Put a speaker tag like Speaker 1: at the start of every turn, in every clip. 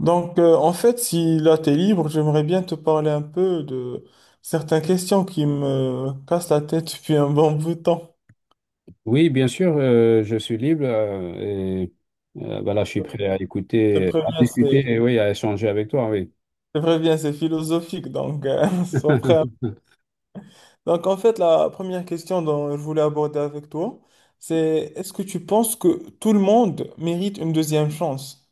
Speaker 1: En fait, si là t'es libre, j'aimerais bien te parler un peu de certaines questions qui me cassent la tête depuis un bon bout de temps.
Speaker 2: Oui, bien sûr, je suis libre et voilà, je suis prêt
Speaker 1: Je
Speaker 2: à écouter, à discuter
Speaker 1: je
Speaker 2: et oui, à échanger avec toi, oui.
Speaker 1: te préviens, c'est philosophique, sois prêt. Donc, en fait, la première question dont je voulais aborder avec toi, c'est est-ce que tu penses que tout le monde mérite une deuxième chance?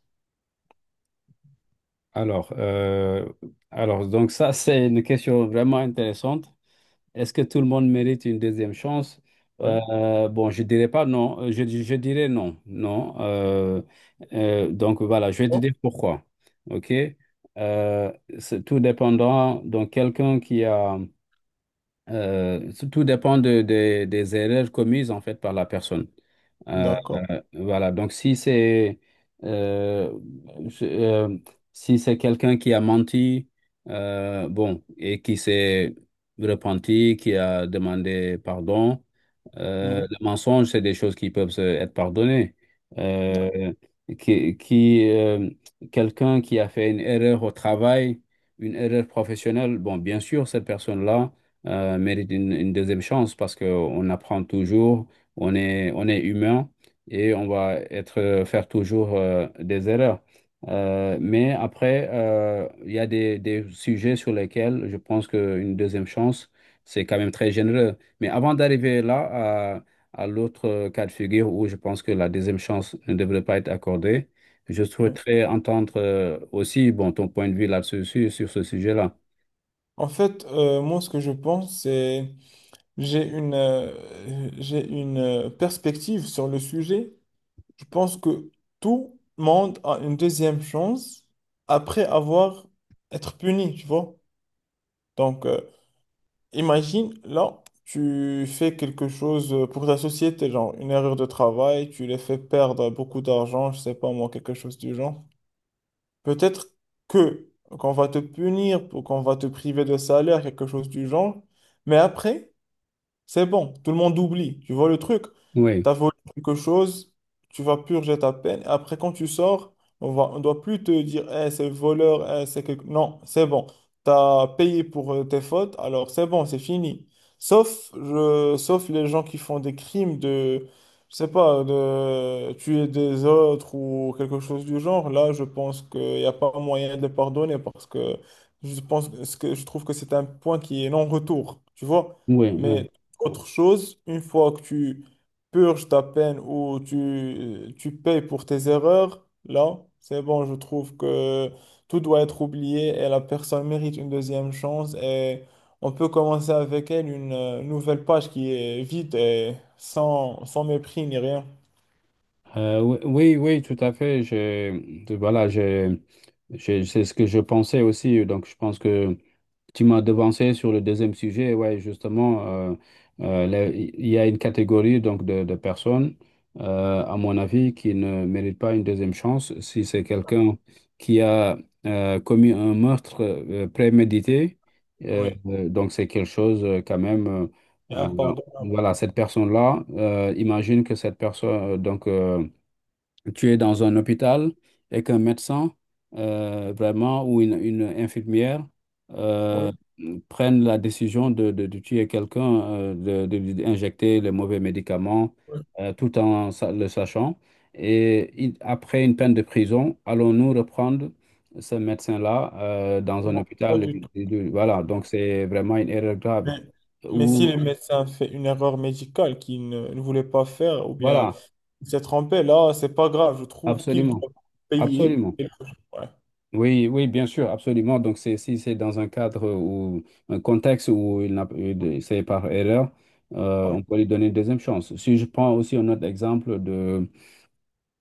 Speaker 2: Alors, donc ça, c'est une question vraiment intéressante. Est-ce que tout le monde mérite une deuxième chance?
Speaker 1: Oui.
Speaker 2: Bon, je dirais pas non. Je dirais non, non. Donc voilà, je vais te dire pourquoi. OK? Euh, c'est tout dépendant. Donc quelqu'un qui a Tout dépend des erreurs commises en fait par la personne. Euh,
Speaker 1: D'accord.
Speaker 2: voilà, donc si c'est euh, je- euh, si c'est quelqu'un qui a menti, bon, et qui s'est repenti, qui a demandé pardon.
Speaker 1: Oui.
Speaker 2: Le mensonge, c'est des choses qui peuvent être pardonnées. Euh, qui, qui, euh, Quelqu'un qui a fait une erreur au travail, une erreur professionnelle, bon, bien sûr, cette personne-là mérite une deuxième chance parce qu'on apprend toujours. On est humain et on va faire toujours des erreurs. Mais après, il y a des sujets sur lesquels je pense qu'une deuxième chance, c'est quand même très généreux. Mais avant d'arriver à l'autre cas de figure où je pense que la deuxième chance ne devrait pas être accordée, je souhaiterais entendre aussi bon, ton point de vue là-dessus, sur ce sujet-là.
Speaker 1: Moi, ce que je pense, J'ai une, euh, j'ai une perspective sur le sujet. Je pense que tout le monde a une deuxième chance après avoir être puni, tu vois. Donc, euh, imagine, là, tu fais quelque chose pour ta société, genre une erreur de travail, tu les fais perdre beaucoup d'argent, je sais pas moi, quelque chose du genre. Peut-être que qu'on va te punir, pour qu'on va te priver de salaire, quelque chose du genre. Mais après c'est bon, tout le monde oublie. Tu vois le truc?
Speaker 2: Oui,
Speaker 1: T'as volé quelque chose, tu vas purger ta peine. Après, quand tu sors, on doit plus te dire, eh, c'est voleur, eh, c'est quelque... Non, c'est bon. T'as payé pour tes fautes, alors c'est bon, c'est fini. Sauf les gens qui font des crimes de, je sais pas, de tuer des autres ou quelque chose du genre. Là, je pense qu'il n'y a pas moyen de les pardonner parce que je pense que ce que- je trouve que c'est un point qui est non-retour. Tu vois?
Speaker 2: oui, oui.
Speaker 1: Mais autre chose, une fois que tu purges ta peine ou tu payes pour tes erreurs, là, c'est bon, je trouve que tout doit être oublié et la personne mérite une deuxième chance et on peut commencer avec elle une nouvelle page qui est vide et sans mépris ni rien.
Speaker 2: Oui, oui, oui, tout à fait. Voilà, c'est ce que je pensais aussi. Donc, je pense que tu m'as devancé sur le deuxième sujet. Ouais, justement, là, il y a une catégorie donc de personnes, à mon avis, qui ne méritent pas une deuxième chance. Si c'est quelqu'un qui a commis un meurtre prémédité,
Speaker 1: Oui,
Speaker 2: donc c'est quelque chose quand même.
Speaker 1: et
Speaker 2: Euh,
Speaker 1: impardonnable.
Speaker 2: voilà, cette personne-là, imagine que cette personne, tu es dans un hôpital et qu'un médecin, vraiment, ou une infirmière, euh,
Speaker 1: Oui.
Speaker 2: prennent la décision de tuer quelqu'un, de lui injecter les mauvais médicaments,
Speaker 1: Oui.
Speaker 2: tout en le sachant. Et après une peine de prison, allons-nous reprendre ce médecin-là, dans un
Speaker 1: Non, pas
Speaker 2: hôpital?
Speaker 1: du tout.
Speaker 2: Voilà, donc c'est vraiment une erreur grave.
Speaker 1: Mais, mais si le
Speaker 2: Ou,
Speaker 1: médecin fait une erreur médicale qu'il ne, ne voulait pas faire ou bien
Speaker 2: voilà,
Speaker 1: il s'est trompé, là, c'est pas grave. Je trouve qu'il
Speaker 2: absolument,
Speaker 1: doit payer.
Speaker 2: absolument.
Speaker 1: Ouais,
Speaker 2: Oui, oui, bien sûr, absolument. Donc, c'est, si c'est dans un cadre ou un contexte où il n'a c'est par erreur,
Speaker 1: ouais.
Speaker 2: on peut lui donner une deuxième chance. Si je prends aussi un autre exemple de,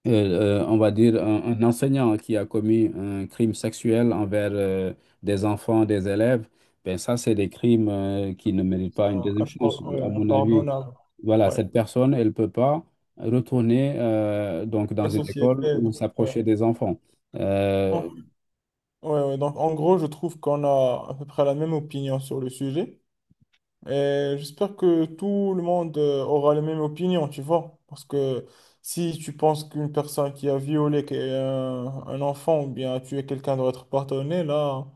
Speaker 2: on va dire, un enseignant qui a commis un crime sexuel envers des enfants, des élèves, ben ça, c'est des crimes qui ne méritent
Speaker 1: C'est
Speaker 2: pas une deuxième chance,
Speaker 1: ouais,
Speaker 2: à mon avis.
Speaker 1: impardonnable.
Speaker 2: Voilà,
Speaker 1: Ouais.
Speaker 2: cette personne, elle ne peut pas retourner donc dans
Speaker 1: La
Speaker 2: une école
Speaker 1: société.
Speaker 2: ou
Speaker 1: Donc, ouais.
Speaker 2: s'approcher des enfants.
Speaker 1: Donc,
Speaker 2: Euh,
Speaker 1: ouais. Donc, en gros, je trouve qu'on a à peu près la même opinion sur le sujet. Et j'espère que tout le monde aura la même opinion, tu vois. Parce que si tu penses qu'une personne qui a violé qui- un enfant ou bien a tué quelqu'un doit être pardonné là,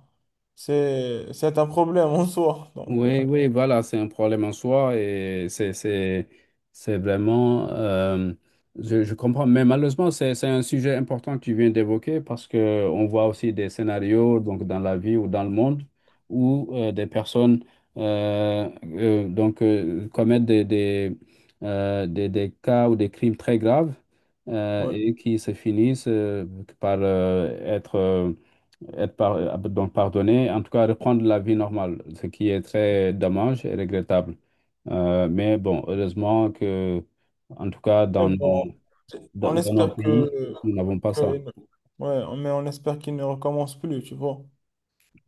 Speaker 1: c'est un problème en soi.
Speaker 2: Oui, oui, voilà, c'est un problème en soi et c'est vraiment, je comprends, mais malheureusement, c'est un sujet important que tu viens d'évoquer parce que on voit aussi des scénarios donc, dans la vie ou dans le monde où des personnes euh, commettent des cas ou des crimes très graves
Speaker 1: Ouais.
Speaker 2: et qui se finissent par être donc pardonné, en tout cas reprendre la vie normale, ce qui est très dommage et regrettable. Mais bon, heureusement que, en tout cas,
Speaker 1: Et bon. On
Speaker 2: dans nos
Speaker 1: espère
Speaker 2: pays, nous n'avons pas
Speaker 1: que-
Speaker 2: ça.
Speaker 1: ouais, mais on espère qu'il ne recommence plus, tu vois.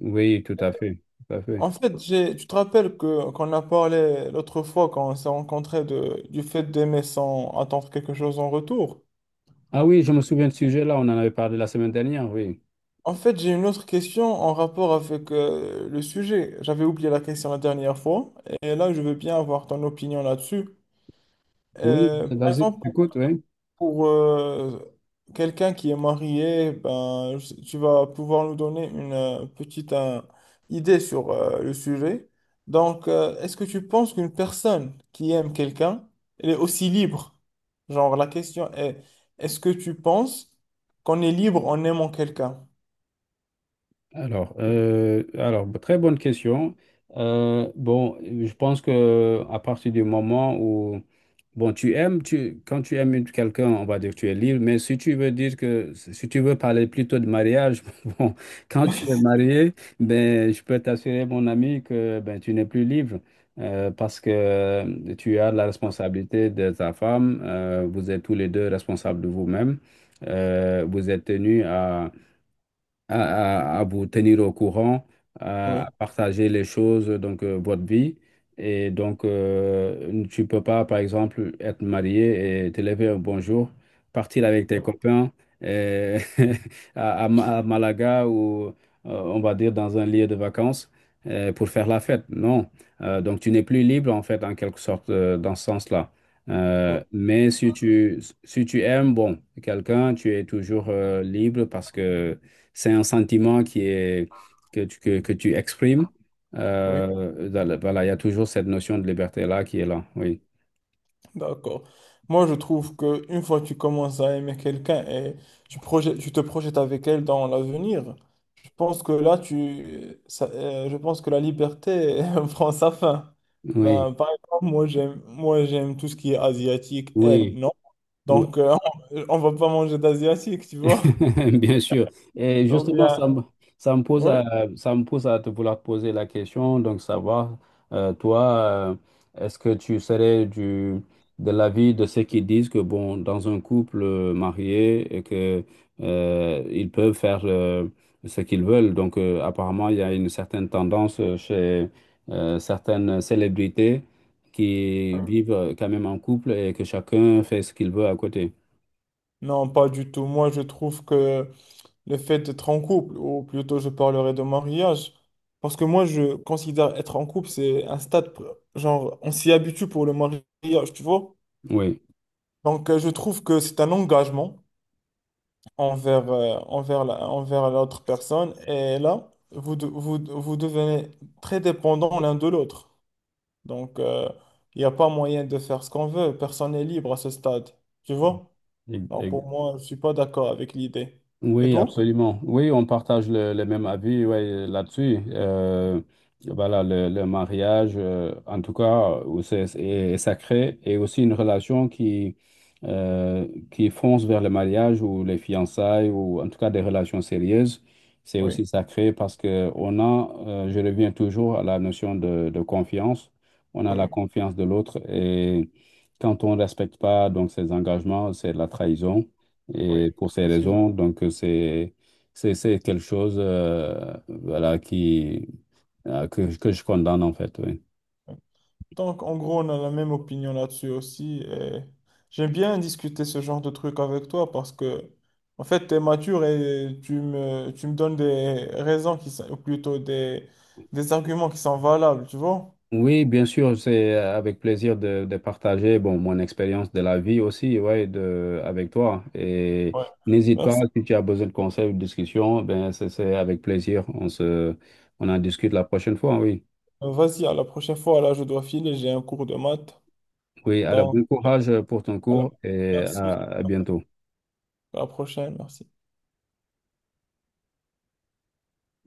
Speaker 2: Oui, tout à fait, tout à fait.
Speaker 1: Tu te rappelles que qu'on a parlé l'autre fois quand on s'est rencontrés de, du fait d'aimer sans attendre quelque chose en retour.
Speaker 2: Ah oui, je me souviens de ce sujet-là, on en avait parlé la semaine dernière, oui.
Speaker 1: En fait, j'ai une autre question en rapport avec le sujet. J'avais oublié la question la dernière fois et là, je veux bien avoir ton opinion là-dessus.
Speaker 2: Oui,
Speaker 1: Par
Speaker 2: vas-y,
Speaker 1: exemple,
Speaker 2: écoute, oui.
Speaker 1: pour quelqu'un qui est marié, ben, tu vas pouvoir nous donner une petite idée sur le sujet. Est-ce que tu penses qu'une personne qui aime quelqu'un, elle est aussi libre? Genre, est-ce que tu penses qu'on est libre en aimant quelqu'un?
Speaker 2: Alors, très bonne question. Bon, je pense que à partir du moment où, bon, quand tu aimes quelqu'un, on va dire que tu es libre, mais si tu veux dire que, si tu veux parler plutôt de mariage, bon, quand tu es marié, ben, je peux t'assurer, mon ami, que ben, tu n'es plus libre. Parce que tu as la responsabilité de ta femme, vous êtes tous les deux responsables de vous-même, vous êtes tenus à vous tenir au courant,
Speaker 1: Oui,
Speaker 2: à partager les choses, donc votre vie. Et donc, tu peux pas, par exemple, être marié et te lever un bonjour, partir avec tes copains euh, à Malaga ou, on va dire, dans un lieu de vacances pour faire la fête. Non. Donc, tu n'es plus libre, en fait, en quelque sorte, dans ce sens-là.
Speaker 1: oui,
Speaker 2: Mais si tu, si tu aimes, bon, quelqu'un, tu es toujours libre parce que c'est un sentiment qui est, que tu exprimes.
Speaker 1: oui.
Speaker 2: Voilà, il y a toujours cette notion de liberté-là qui est là. Oui.
Speaker 1: D'accord. Moi, je trouve que une fois que tu commences à aimer quelqu'un et tu te projettes avec elle dans l'avenir, je pense que je pense que la liberté prend sa fin.
Speaker 2: Oui.
Speaker 1: Ben, par exemple, moi, j'aime tout ce qui est asiatique, elle,
Speaker 2: Oui.
Speaker 1: non?
Speaker 2: Oui.
Speaker 1: Donc, euh, on va pas manger d'asiatique, tu vois?
Speaker 2: Bien sûr. Et
Speaker 1: Ou
Speaker 2: justement,
Speaker 1: bien,
Speaker 2: ça me
Speaker 1: ouais.
Speaker 2: ça me pousse à te vouloir poser la question. Donc, savoir, toi, est-ce que tu serais de l'avis de ceux qui disent que, bon, dans un couple marié, et que, ils peuvent faire ce qu'ils veulent. Donc, apparemment, il y a une certaine tendance chez certaines célébrités qui vivent quand même en couple et que chacun fait ce qu'il veut à côté.
Speaker 1: Non, pas du tout. Moi, je trouve que le fait d'être en couple, ou plutôt je parlerai de mariage, parce que moi je considère être en couple, c'est un stade, genre on s'y habitue pour le mariage, tu vois.
Speaker 2: Oui,
Speaker 1: Je trouve que c'est un engagement envers l'autre personne, et là, vous devenez très dépendants l'un de l'autre. Donc euh, il n'y a pas moyen de faire ce qu'on veut, personne n'est libre à ce stade, tu vois. Donc
Speaker 2: e-
Speaker 1: pour moi, je ne suis pas d'accord avec l'idée. Et
Speaker 2: oui,
Speaker 1: toi?
Speaker 2: absolument. Oui, on partage le même avis ouais, là-dessus. Voilà, le mariage, en tout cas, est sacré et aussi une relation qui fonce vers le mariage ou les fiançailles ou en tout cas des relations sérieuses. C'est aussi
Speaker 1: Oui,
Speaker 2: sacré parce que on a, je reviens toujours à la notion de confiance. On a la
Speaker 1: oui,
Speaker 2: confiance de l'autre et quand on ne respecte pas donc ses engagements, c'est de la trahison. Et pour ces
Speaker 1: oui.
Speaker 2: raisons, donc c'est quelque chose voilà qui que je condamne en fait, oui.
Speaker 1: Donc, en gros, on a la même opinion là-dessus aussi. Et j'aime bien discuter ce genre de truc avec toi parce que, en fait, tu es mature et tu me donnes des raisons qui sont, ou plutôt des arguments qui sont valables, tu vois?
Speaker 2: Oui, bien sûr, c'est avec plaisir de partager bon, mon expérience de la vie aussi, ouais, de, avec toi. Et
Speaker 1: Ouais.
Speaker 2: n'hésite pas,
Speaker 1: Merci.
Speaker 2: si tu as besoin de conseils ou de discussions, ben c'est avec plaisir. On en discute la prochaine fois, oui.
Speaker 1: Vas-y, à la prochaine fois. Là, je dois filer, j'ai un cours de maths.
Speaker 2: Oui, alors
Speaker 1: Donc,
Speaker 2: bon courage pour ton
Speaker 1: voilà.
Speaker 2: cours et
Speaker 1: Merci.
Speaker 2: à bientôt.
Speaker 1: À la prochaine, merci.